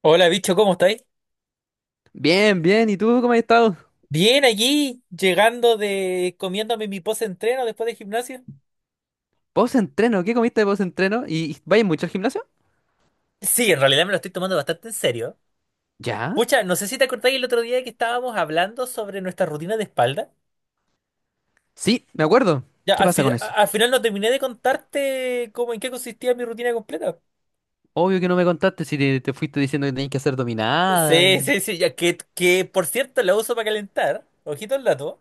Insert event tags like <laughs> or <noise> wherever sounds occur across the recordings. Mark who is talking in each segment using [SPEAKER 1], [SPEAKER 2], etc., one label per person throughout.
[SPEAKER 1] Hola, bicho, ¿cómo estáis?
[SPEAKER 2] Bien, bien. ¿Y tú cómo has estado?
[SPEAKER 1] Bien, aquí, llegando de comiéndome mi post-entreno después de gimnasio.
[SPEAKER 2] Post-entreno. ¿Qué comiste de post-entreno? ¿Y vayas mucho al gimnasio?
[SPEAKER 1] Sí, en realidad me lo estoy tomando bastante en serio.
[SPEAKER 2] ¿Ya?
[SPEAKER 1] Pucha, no sé si te acordáis el otro día que estábamos hablando sobre nuestra rutina de espalda.
[SPEAKER 2] Sí, me acuerdo.
[SPEAKER 1] Ya,
[SPEAKER 2] ¿Qué pasa con eso?
[SPEAKER 1] al final no terminé de contarte cómo en qué consistía mi rutina completa.
[SPEAKER 2] Obvio que no me contaste si te fuiste diciendo que tenías que hacer dominada
[SPEAKER 1] Sí,
[SPEAKER 2] y...
[SPEAKER 1] sí, sí, ya que por cierto la uso para calentar. Ojito al dato.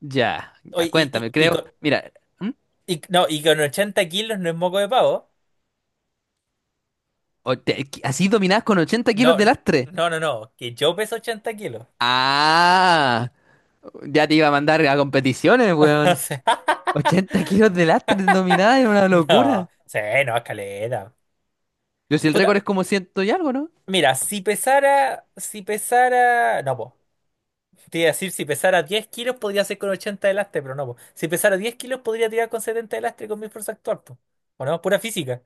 [SPEAKER 2] Ya, ya,
[SPEAKER 1] Oye,
[SPEAKER 2] cuéntame, creo. Mira, ¿hmm?
[SPEAKER 1] no, y con 80 kilos no es moco de pavo.
[SPEAKER 2] O te- Así dominadas con 80
[SPEAKER 1] No,
[SPEAKER 2] kilos de lastre.
[SPEAKER 1] no, no, no, que yo peso 80 kilos.
[SPEAKER 2] Ah, ya te iba a mandar a competiciones,
[SPEAKER 1] <laughs> O
[SPEAKER 2] weón.
[SPEAKER 1] sea, <laughs>
[SPEAKER 2] 80 kilos de lastre en dominada es una locura.
[SPEAKER 1] No, sí, no, escalera.
[SPEAKER 2] Yo si el
[SPEAKER 1] Puta,
[SPEAKER 2] récord es como ciento y algo, ¿no?
[SPEAKER 1] mira, si pesara, no, po. Te iba a decir, si pesara 10 kilos podría hacer con 80 de lastre, pero no, po. Si pesara 10 kilos podría tirar con 70 de lastre con mi fuerza actual, po. ¿O no? Pura física.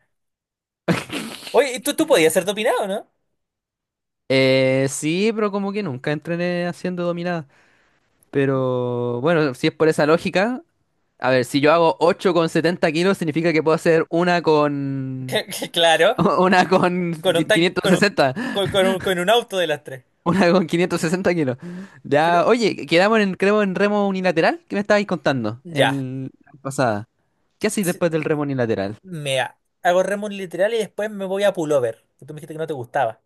[SPEAKER 1] Oye, tú podías ser dopinado, ¿no?
[SPEAKER 2] Sí, pero como que nunca entrené haciendo dominada. Pero bueno, si es por esa lógica, a ver, si yo hago 8 con 70 kilos, significa que puedo hacer una con...
[SPEAKER 1] <laughs> Claro,
[SPEAKER 2] <laughs>
[SPEAKER 1] con un tan,
[SPEAKER 2] Quinientos sesenta
[SPEAKER 1] con un auto de lastre.
[SPEAKER 2] Una con 560 kilos.
[SPEAKER 1] Pero,
[SPEAKER 2] Ya, oye, quedamos en, creo, en remo unilateral. ¿Qué me estabais contando
[SPEAKER 1] ya.
[SPEAKER 2] en la pasada? ¿Qué hacéis
[SPEAKER 1] Sí,
[SPEAKER 2] después del remo unilateral?
[SPEAKER 1] mira, hago remo literal y después me voy a pullover. Que tú me dijiste que no te gustaba.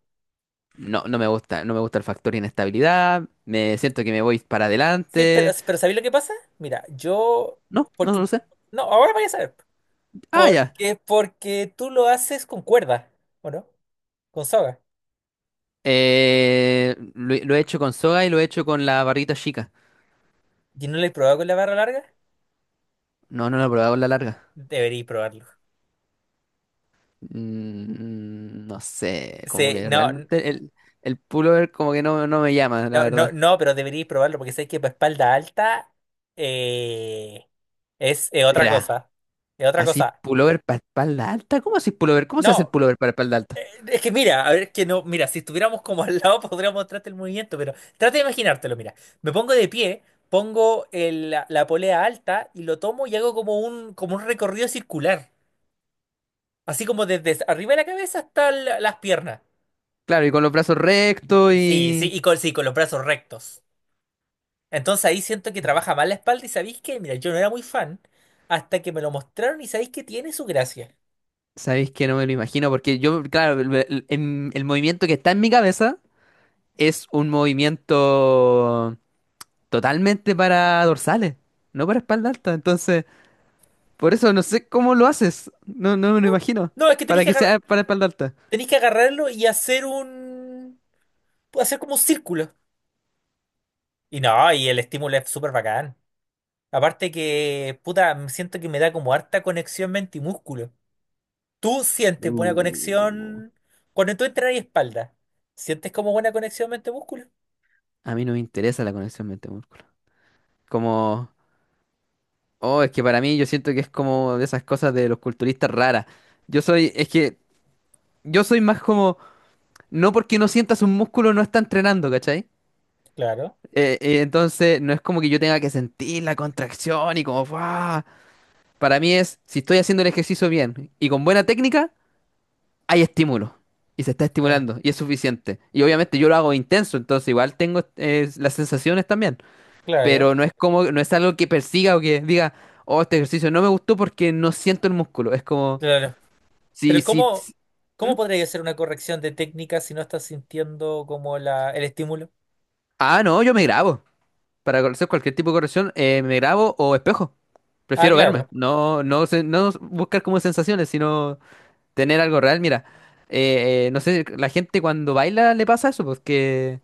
[SPEAKER 2] No, no me gusta, no me gusta el factor inestabilidad. Me siento que me voy para
[SPEAKER 1] Sí, pero,
[SPEAKER 2] adelante.
[SPEAKER 1] pero ¿sabéis lo que pasa? Mira, yo,
[SPEAKER 2] No, no
[SPEAKER 1] porque,
[SPEAKER 2] lo sé.
[SPEAKER 1] no, ahora vaya a saber,
[SPEAKER 2] Ah, ya.
[SPEAKER 1] porque tú lo haces con cuerda, ¿o no? Con soga.
[SPEAKER 2] Lo he hecho con soga y lo he hecho con la barrita chica.
[SPEAKER 1] ¿Y no lo he probado con la barra larga?
[SPEAKER 2] No, no lo he probado con la larga.
[SPEAKER 1] Deberíais probarlo.
[SPEAKER 2] No sé, como
[SPEAKER 1] Sí,
[SPEAKER 2] que
[SPEAKER 1] no,
[SPEAKER 2] realmente el pullover como que no, no me llama, la
[SPEAKER 1] no, no,
[SPEAKER 2] verdad.
[SPEAKER 1] no, pero deberíais probarlo porque sé que para espalda alta eh, es otra
[SPEAKER 2] Espera,
[SPEAKER 1] cosa, es otra
[SPEAKER 2] ¿así
[SPEAKER 1] cosa.
[SPEAKER 2] pullover para espalda alta? ¿Cómo así pullover? ¿Cómo se hace el
[SPEAKER 1] No.
[SPEAKER 2] pullover para espalda alta?
[SPEAKER 1] Es que mira, a ver, es que no, mira, si estuviéramos como al lado <laughs> podríamos mostrarte el movimiento, pero trata de imaginártelo, mira. Me pongo de pie, pongo la polea alta y lo tomo y hago como un recorrido circular. Así como desde arriba de la cabeza hasta las piernas.
[SPEAKER 2] Claro, y con los brazos rectos
[SPEAKER 1] Sí, sí,
[SPEAKER 2] y...
[SPEAKER 1] sí, con los brazos rectos. Entonces ahí siento que trabaja mal la espalda y sabéis que, mira, yo no era muy fan hasta que me lo mostraron y sabéis que tiene su gracia.
[SPEAKER 2] ¿Sabéis que no me lo imagino? Porque yo, claro, el movimiento que está en mi cabeza es un movimiento totalmente para dorsales, no para espalda alta. Entonces... Por eso no sé cómo lo haces. No, no me lo
[SPEAKER 1] No, no,
[SPEAKER 2] imagino.
[SPEAKER 1] no, es que
[SPEAKER 2] Para que sea para espalda alta.
[SPEAKER 1] tenéis que agarrarlo y hacer como un círculo. Y no, y el estímulo es súper bacán. Aparte que, puta, me siento que me da como harta conexión mente y músculo. ¿Tú sientes buena
[SPEAKER 2] Uh,
[SPEAKER 1] conexión cuando tú entras y espalda? ¿Sientes como buena conexión mente-músculo?
[SPEAKER 2] a mí no me interesa la conexión mente-músculo. Como, oh, es que para mí yo siento que es como de esas cosas de los culturistas raras. Yo soy, es que yo soy más como, no porque no sientas un músculo no está entrenando, ¿cachai?
[SPEAKER 1] Claro,
[SPEAKER 2] Entonces no es como que yo tenga que sentir la contracción y como, ¡guau! Para mí es, si estoy haciendo el ejercicio bien y con buena técnica, hay estímulo y se está
[SPEAKER 1] eh,
[SPEAKER 2] estimulando y es suficiente. Y obviamente yo lo hago intenso, entonces igual tengo las sensaciones también,
[SPEAKER 1] claro,
[SPEAKER 2] pero no es como, no es algo que persiga o que diga, oh, este ejercicio no me gustó porque no siento el músculo. Es como,
[SPEAKER 1] claro.
[SPEAKER 2] si,
[SPEAKER 1] Pero
[SPEAKER 2] si,
[SPEAKER 1] ¿cómo,
[SPEAKER 2] si- ¿Mm?
[SPEAKER 1] cómo podría hacer una corrección de técnica si no estás sintiendo como la, el estímulo?
[SPEAKER 2] Ah, no, yo me grabo. Para hacer cualquier tipo de corrección, me grabo o espejo.
[SPEAKER 1] Ah,
[SPEAKER 2] Prefiero verme,
[SPEAKER 1] claro.
[SPEAKER 2] no, no, no buscar como sensaciones, sino tener algo real. Mira, no sé, la gente cuando baila le pasa eso, porque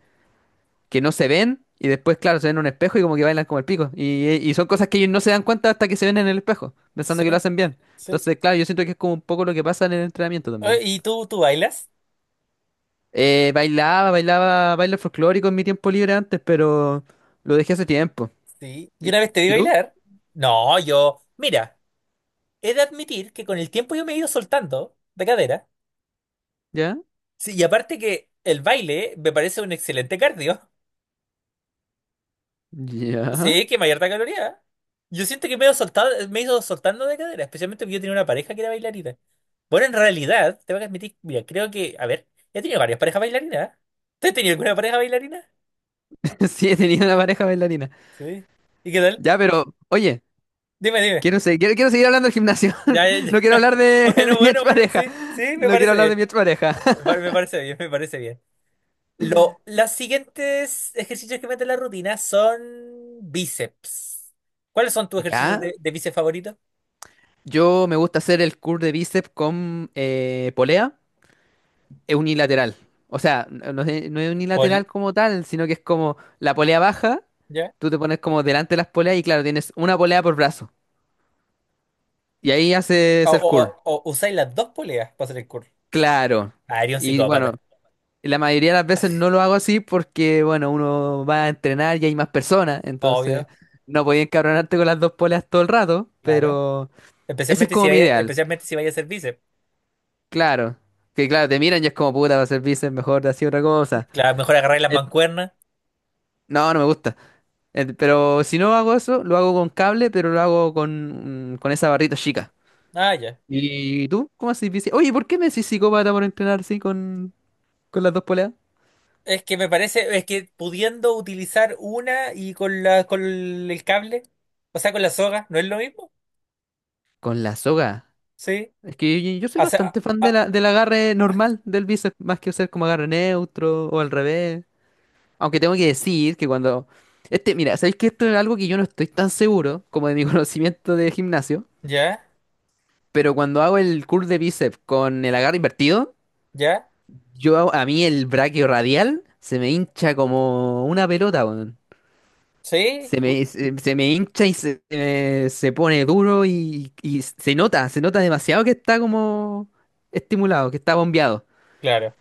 [SPEAKER 2] que no se ven y después, claro, se ven en un espejo y como que bailan como el pico. Y son cosas que ellos no se dan cuenta hasta que se ven en el espejo, pensando
[SPEAKER 1] Sí,
[SPEAKER 2] que lo hacen bien.
[SPEAKER 1] sí.
[SPEAKER 2] Entonces, claro, yo siento que es como un poco lo que pasa en el entrenamiento también.
[SPEAKER 1] ¿Y tú bailas?
[SPEAKER 2] Bailaba, bailaba, baile folclórico en mi tiempo libre antes, pero lo dejé hace tiempo.
[SPEAKER 1] Sí. ¿Y
[SPEAKER 2] ¿Y,
[SPEAKER 1] una vez te vi
[SPEAKER 2] y tú?
[SPEAKER 1] bailar? No, yo, mira. He de admitir que con el tiempo yo me he ido soltando de cadera.
[SPEAKER 2] ¿Ya?
[SPEAKER 1] Sí, y aparte que el baile me parece un excelente cardio. <laughs>
[SPEAKER 2] ¿Ya?
[SPEAKER 1] Sí, que mayor caloría. Yo siento que me he ido soltado, me he ido soltando de cadera, especialmente porque yo tenía una pareja que era bailarina. Bueno, en realidad, tengo que admitir, mira, creo que, a ver, he tenido varias parejas bailarinas. ¿Eh? ¿Tú has tenido alguna pareja bailarina?
[SPEAKER 2] <laughs> Sí, he tenido una pareja bailarina.
[SPEAKER 1] Sí, ¿y qué tal?
[SPEAKER 2] Ya, pero, oye,
[SPEAKER 1] Dime, dime.
[SPEAKER 2] quiero seguir hablando del gimnasio.
[SPEAKER 1] Ya, ya,
[SPEAKER 2] <laughs> No
[SPEAKER 1] ya.
[SPEAKER 2] quiero
[SPEAKER 1] <laughs>
[SPEAKER 2] hablar de, <laughs> de
[SPEAKER 1] Bueno,
[SPEAKER 2] mi
[SPEAKER 1] bueno, bueno,
[SPEAKER 2] expareja.
[SPEAKER 1] sí, sí, me
[SPEAKER 2] No quiero
[SPEAKER 1] parece
[SPEAKER 2] hablar de
[SPEAKER 1] bien.
[SPEAKER 2] mi expareja.
[SPEAKER 1] Me parece bien, me parece bien. Los siguientes ejercicios que mete la rutina son bíceps. ¿Cuáles son
[SPEAKER 2] <laughs>
[SPEAKER 1] tus ejercicios
[SPEAKER 2] ¿Ya?
[SPEAKER 1] de bíceps favoritos?
[SPEAKER 2] Yo me gusta hacer el curl de bíceps con polea es unilateral. O sea, no es
[SPEAKER 1] Pol,
[SPEAKER 2] unilateral como tal, sino que es como la polea baja,
[SPEAKER 1] ¿Ya?
[SPEAKER 2] tú te pones como delante de las poleas y claro, tienes una polea por brazo. Y ahí
[SPEAKER 1] O,
[SPEAKER 2] haces el
[SPEAKER 1] o,
[SPEAKER 2] curl.
[SPEAKER 1] o usáis las dos poleas para hacer el curl.
[SPEAKER 2] Claro.
[SPEAKER 1] Ah, eres un
[SPEAKER 2] Y bueno,
[SPEAKER 1] psicópata.
[SPEAKER 2] la mayoría de las veces no lo hago así porque, bueno, uno va a entrenar y hay más personas, entonces
[SPEAKER 1] Obvio,
[SPEAKER 2] no podía encabronarte con las dos poleas todo el rato,
[SPEAKER 1] claro.
[SPEAKER 2] pero ese es
[SPEAKER 1] Especialmente si
[SPEAKER 2] como mi
[SPEAKER 1] vaya,
[SPEAKER 2] ideal.
[SPEAKER 1] especialmente si vaya a hacer bíceps.
[SPEAKER 2] Claro, que claro, te miran y es como puta, va a ser bíceps, mejor de así otra cosa.
[SPEAKER 1] Claro, mejor agarrar las
[SPEAKER 2] Eh,
[SPEAKER 1] mancuernas.
[SPEAKER 2] no, no me gusta. Pero si no hago eso, lo hago con cable, pero lo hago con, con esa barrita chica.
[SPEAKER 1] Ah, ya.
[SPEAKER 2] ¿Y tú? ¿Cómo haces bíceps? Oye, ¿por qué me decís psicópata por entrenar así con las dos poleas?
[SPEAKER 1] Es que me parece, es que pudiendo utilizar una y con la, con el cable, o sea, con la soga, ¿no es lo mismo?
[SPEAKER 2] Con la soga.
[SPEAKER 1] Sí.
[SPEAKER 2] Es que yo soy
[SPEAKER 1] O sea,
[SPEAKER 2] bastante fan de
[SPEAKER 1] ah,
[SPEAKER 2] la, del agarre normal del bíceps, más que hacer como agarre neutro o al revés. Aunque tengo que decir que cuando... Este, mira, ¿sabéis que esto es algo que yo no estoy tan seguro como de mi <laughs> conocimiento de gimnasio?
[SPEAKER 1] ya,
[SPEAKER 2] Pero cuando hago el curl de bíceps con el agarre invertido,
[SPEAKER 1] ya,
[SPEAKER 2] a mí el braquio radial se me hincha como una pelota, weón.
[SPEAKER 1] sí,
[SPEAKER 2] Se me, se, se me hincha y se pone duro y se nota demasiado que está como estimulado, que está bombeado.
[SPEAKER 1] claro.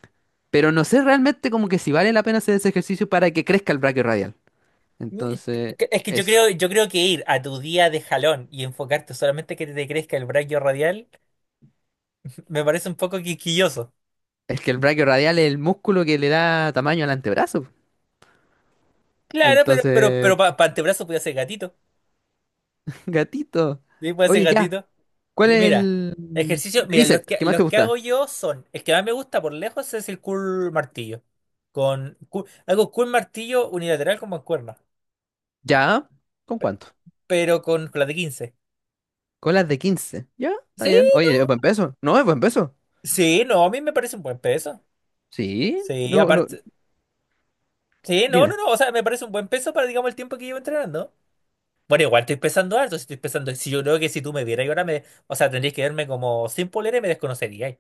[SPEAKER 2] Pero no sé realmente como que si vale la pena hacer ese ejercicio para que crezca el braquio radial. Entonces,
[SPEAKER 1] Es que yo
[SPEAKER 2] eso.
[SPEAKER 1] creo, yo creo que ir a tu día de jalón y enfocarte solamente que te crezca el braquio radial <laughs> me parece un poco quisquilloso.
[SPEAKER 2] Es que el braquio radial es el músculo que le da tamaño al antebrazo.
[SPEAKER 1] Claro, pero, pero,
[SPEAKER 2] Entonces,
[SPEAKER 1] pero para antebrazo puede ser gatito.
[SPEAKER 2] <laughs> gatito.
[SPEAKER 1] Sí, puede ser
[SPEAKER 2] Oye, ya.
[SPEAKER 1] gatito.
[SPEAKER 2] ¿Cuál
[SPEAKER 1] Y
[SPEAKER 2] es
[SPEAKER 1] mira,
[SPEAKER 2] el
[SPEAKER 1] ejercicio,
[SPEAKER 2] de
[SPEAKER 1] mira, los
[SPEAKER 2] bíceps
[SPEAKER 1] que,
[SPEAKER 2] que más
[SPEAKER 1] los
[SPEAKER 2] te
[SPEAKER 1] que
[SPEAKER 2] gusta?
[SPEAKER 1] hago yo son, el que más me gusta por lejos es el curl martillo. Hago curl martillo unilateral con mancuerna,
[SPEAKER 2] ¿Ya? ¿Con cuánto?
[SPEAKER 1] pero con la de 15.
[SPEAKER 2] Colas de 15. ¿Ya? Está
[SPEAKER 1] Sí,
[SPEAKER 2] bien. Oye, es buen peso. No, es buen peso.
[SPEAKER 1] sí, no, a mí me parece un buen peso.
[SPEAKER 2] Sí.
[SPEAKER 1] Sí,
[SPEAKER 2] No, no.
[SPEAKER 1] aparte, sí, no, no,
[SPEAKER 2] Dime.
[SPEAKER 1] no, o sea, me parece un buen peso para, digamos, el tiempo que llevo entrenando. Bueno, igual estoy pensando harto, si estoy pensando, si yo creo que si tú me vieras y ahora me, o sea, tendrías que verme como sin polera y me desconocerías.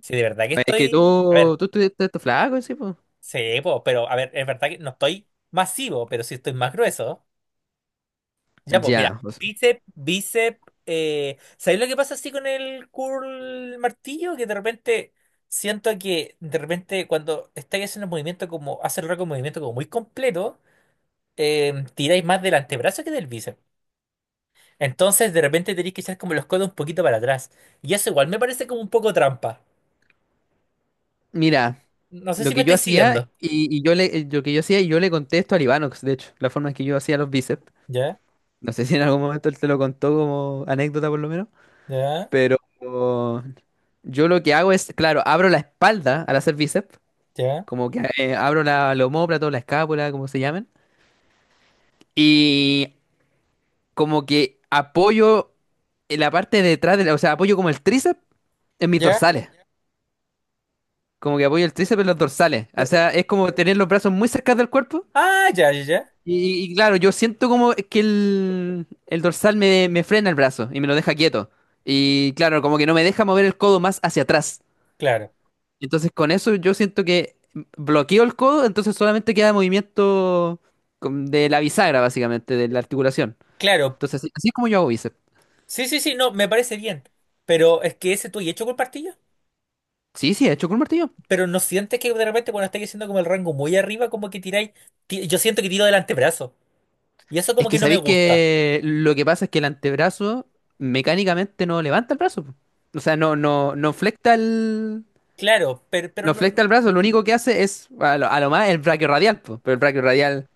[SPEAKER 1] Si de verdad que
[SPEAKER 2] Es que
[SPEAKER 1] estoy, a ver,
[SPEAKER 2] tú estuviste todo flaco, sí, pues.
[SPEAKER 1] sí, po, pero a ver, es verdad que no estoy masivo, pero sí estoy más grueso. Ya, pues mira,
[SPEAKER 2] Ya, pues,
[SPEAKER 1] bíceps, bíceps, ¿sabéis lo que pasa así con el curl martillo? Que de repente siento que de repente cuando estáis haciendo el movimiento como, hace el rato un movimiento como muy completo, tiráis más del antebrazo que del bíceps. Entonces de repente tenéis que echar como los codos un poquito para atrás. Y eso igual me parece como un poco trampa.
[SPEAKER 2] mira,
[SPEAKER 1] No sé
[SPEAKER 2] lo
[SPEAKER 1] si me
[SPEAKER 2] que yo
[SPEAKER 1] estáis
[SPEAKER 2] hacía
[SPEAKER 1] siguiendo.
[SPEAKER 2] y lo que yo hacía y yo le contesto a Libanox, de hecho, la forma en que yo hacía los bíceps.
[SPEAKER 1] Ya,
[SPEAKER 2] No sé si en algún momento él te lo contó como anécdota por lo menos,
[SPEAKER 1] ya,
[SPEAKER 2] pero yo lo que hago es, claro, abro la espalda al hacer bíceps.
[SPEAKER 1] ya,
[SPEAKER 2] Como que abro la omóplata o la escápula, como se llamen. Y como que apoyo en la parte de atrás, o sea, apoyo como el tríceps en mis
[SPEAKER 1] ya.
[SPEAKER 2] dorsales. Como que apoyo el tríceps en los dorsales. O
[SPEAKER 1] eh, eh.
[SPEAKER 2] sea, es como tener los brazos muy cerca del cuerpo.
[SPEAKER 1] Ah, ya, ya, ya.
[SPEAKER 2] Y claro, yo siento como que el dorsal me frena el brazo y me lo deja quieto. Y claro, como que no me deja mover el codo más hacia atrás.
[SPEAKER 1] Claro,
[SPEAKER 2] Entonces con eso yo siento que bloqueo el codo, entonces solamente queda movimiento de la bisagra, básicamente, de la articulación.
[SPEAKER 1] claro.
[SPEAKER 2] Entonces así, así es como yo hago bíceps.
[SPEAKER 1] Sí, sí, sí, no, me parece bien. Pero es que ese tú y hecho con partillo.
[SPEAKER 2] Sí, sí, he hecho con un martillo.
[SPEAKER 1] Pero no sientes que de repente cuando estáis haciendo como el rango muy arriba, como que tiráis. Yo siento que tiro del antebrazo. Y eso
[SPEAKER 2] Es
[SPEAKER 1] como
[SPEAKER 2] que
[SPEAKER 1] que no me
[SPEAKER 2] sabéis
[SPEAKER 1] gusta.
[SPEAKER 2] que lo que pasa es que el antebrazo mecánicamente no levanta el brazo, po. O sea, no, no, no flecta el,
[SPEAKER 1] Claro, pero
[SPEAKER 2] no
[SPEAKER 1] no,
[SPEAKER 2] flecta
[SPEAKER 1] no.
[SPEAKER 2] el brazo, lo único que hace es a lo más el brachiorradial, po. Pero el brachiorradial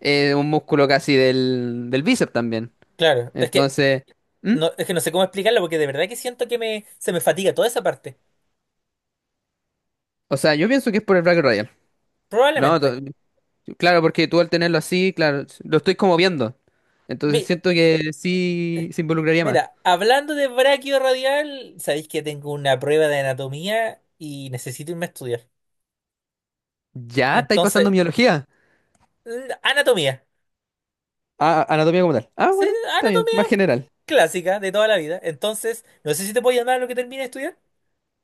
[SPEAKER 2] es un músculo casi del bíceps también.
[SPEAKER 1] Claro,
[SPEAKER 2] Entonces, ¿Mm?
[SPEAKER 1] es que no sé cómo explicarlo porque de verdad que siento que me, se me fatiga toda esa parte.
[SPEAKER 2] O sea, yo pienso que es por el brachiorradial. No,
[SPEAKER 1] Probablemente.
[SPEAKER 2] claro, porque tú al tenerlo así, claro, lo estoy como viendo. Entonces
[SPEAKER 1] Mi-
[SPEAKER 2] siento que sí se involucraría más.
[SPEAKER 1] mira, hablando de braquio radial, sabéis que tengo una prueba de anatomía y necesito irme a estudiar.
[SPEAKER 2] Ya, estáis pasando
[SPEAKER 1] Entonces,
[SPEAKER 2] biología.
[SPEAKER 1] mm, anatomía.
[SPEAKER 2] Ah, anatomía como tal. Ah,
[SPEAKER 1] Sí,
[SPEAKER 2] bueno, está bien,
[SPEAKER 1] anatomía
[SPEAKER 2] más general.
[SPEAKER 1] clásica de toda la vida. Entonces, no sé si te puedo llamar a lo que termine de estudiar.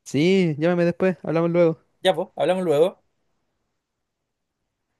[SPEAKER 2] Sí, llámame después, hablamos luego.
[SPEAKER 1] Ya, pues, hablamos luego.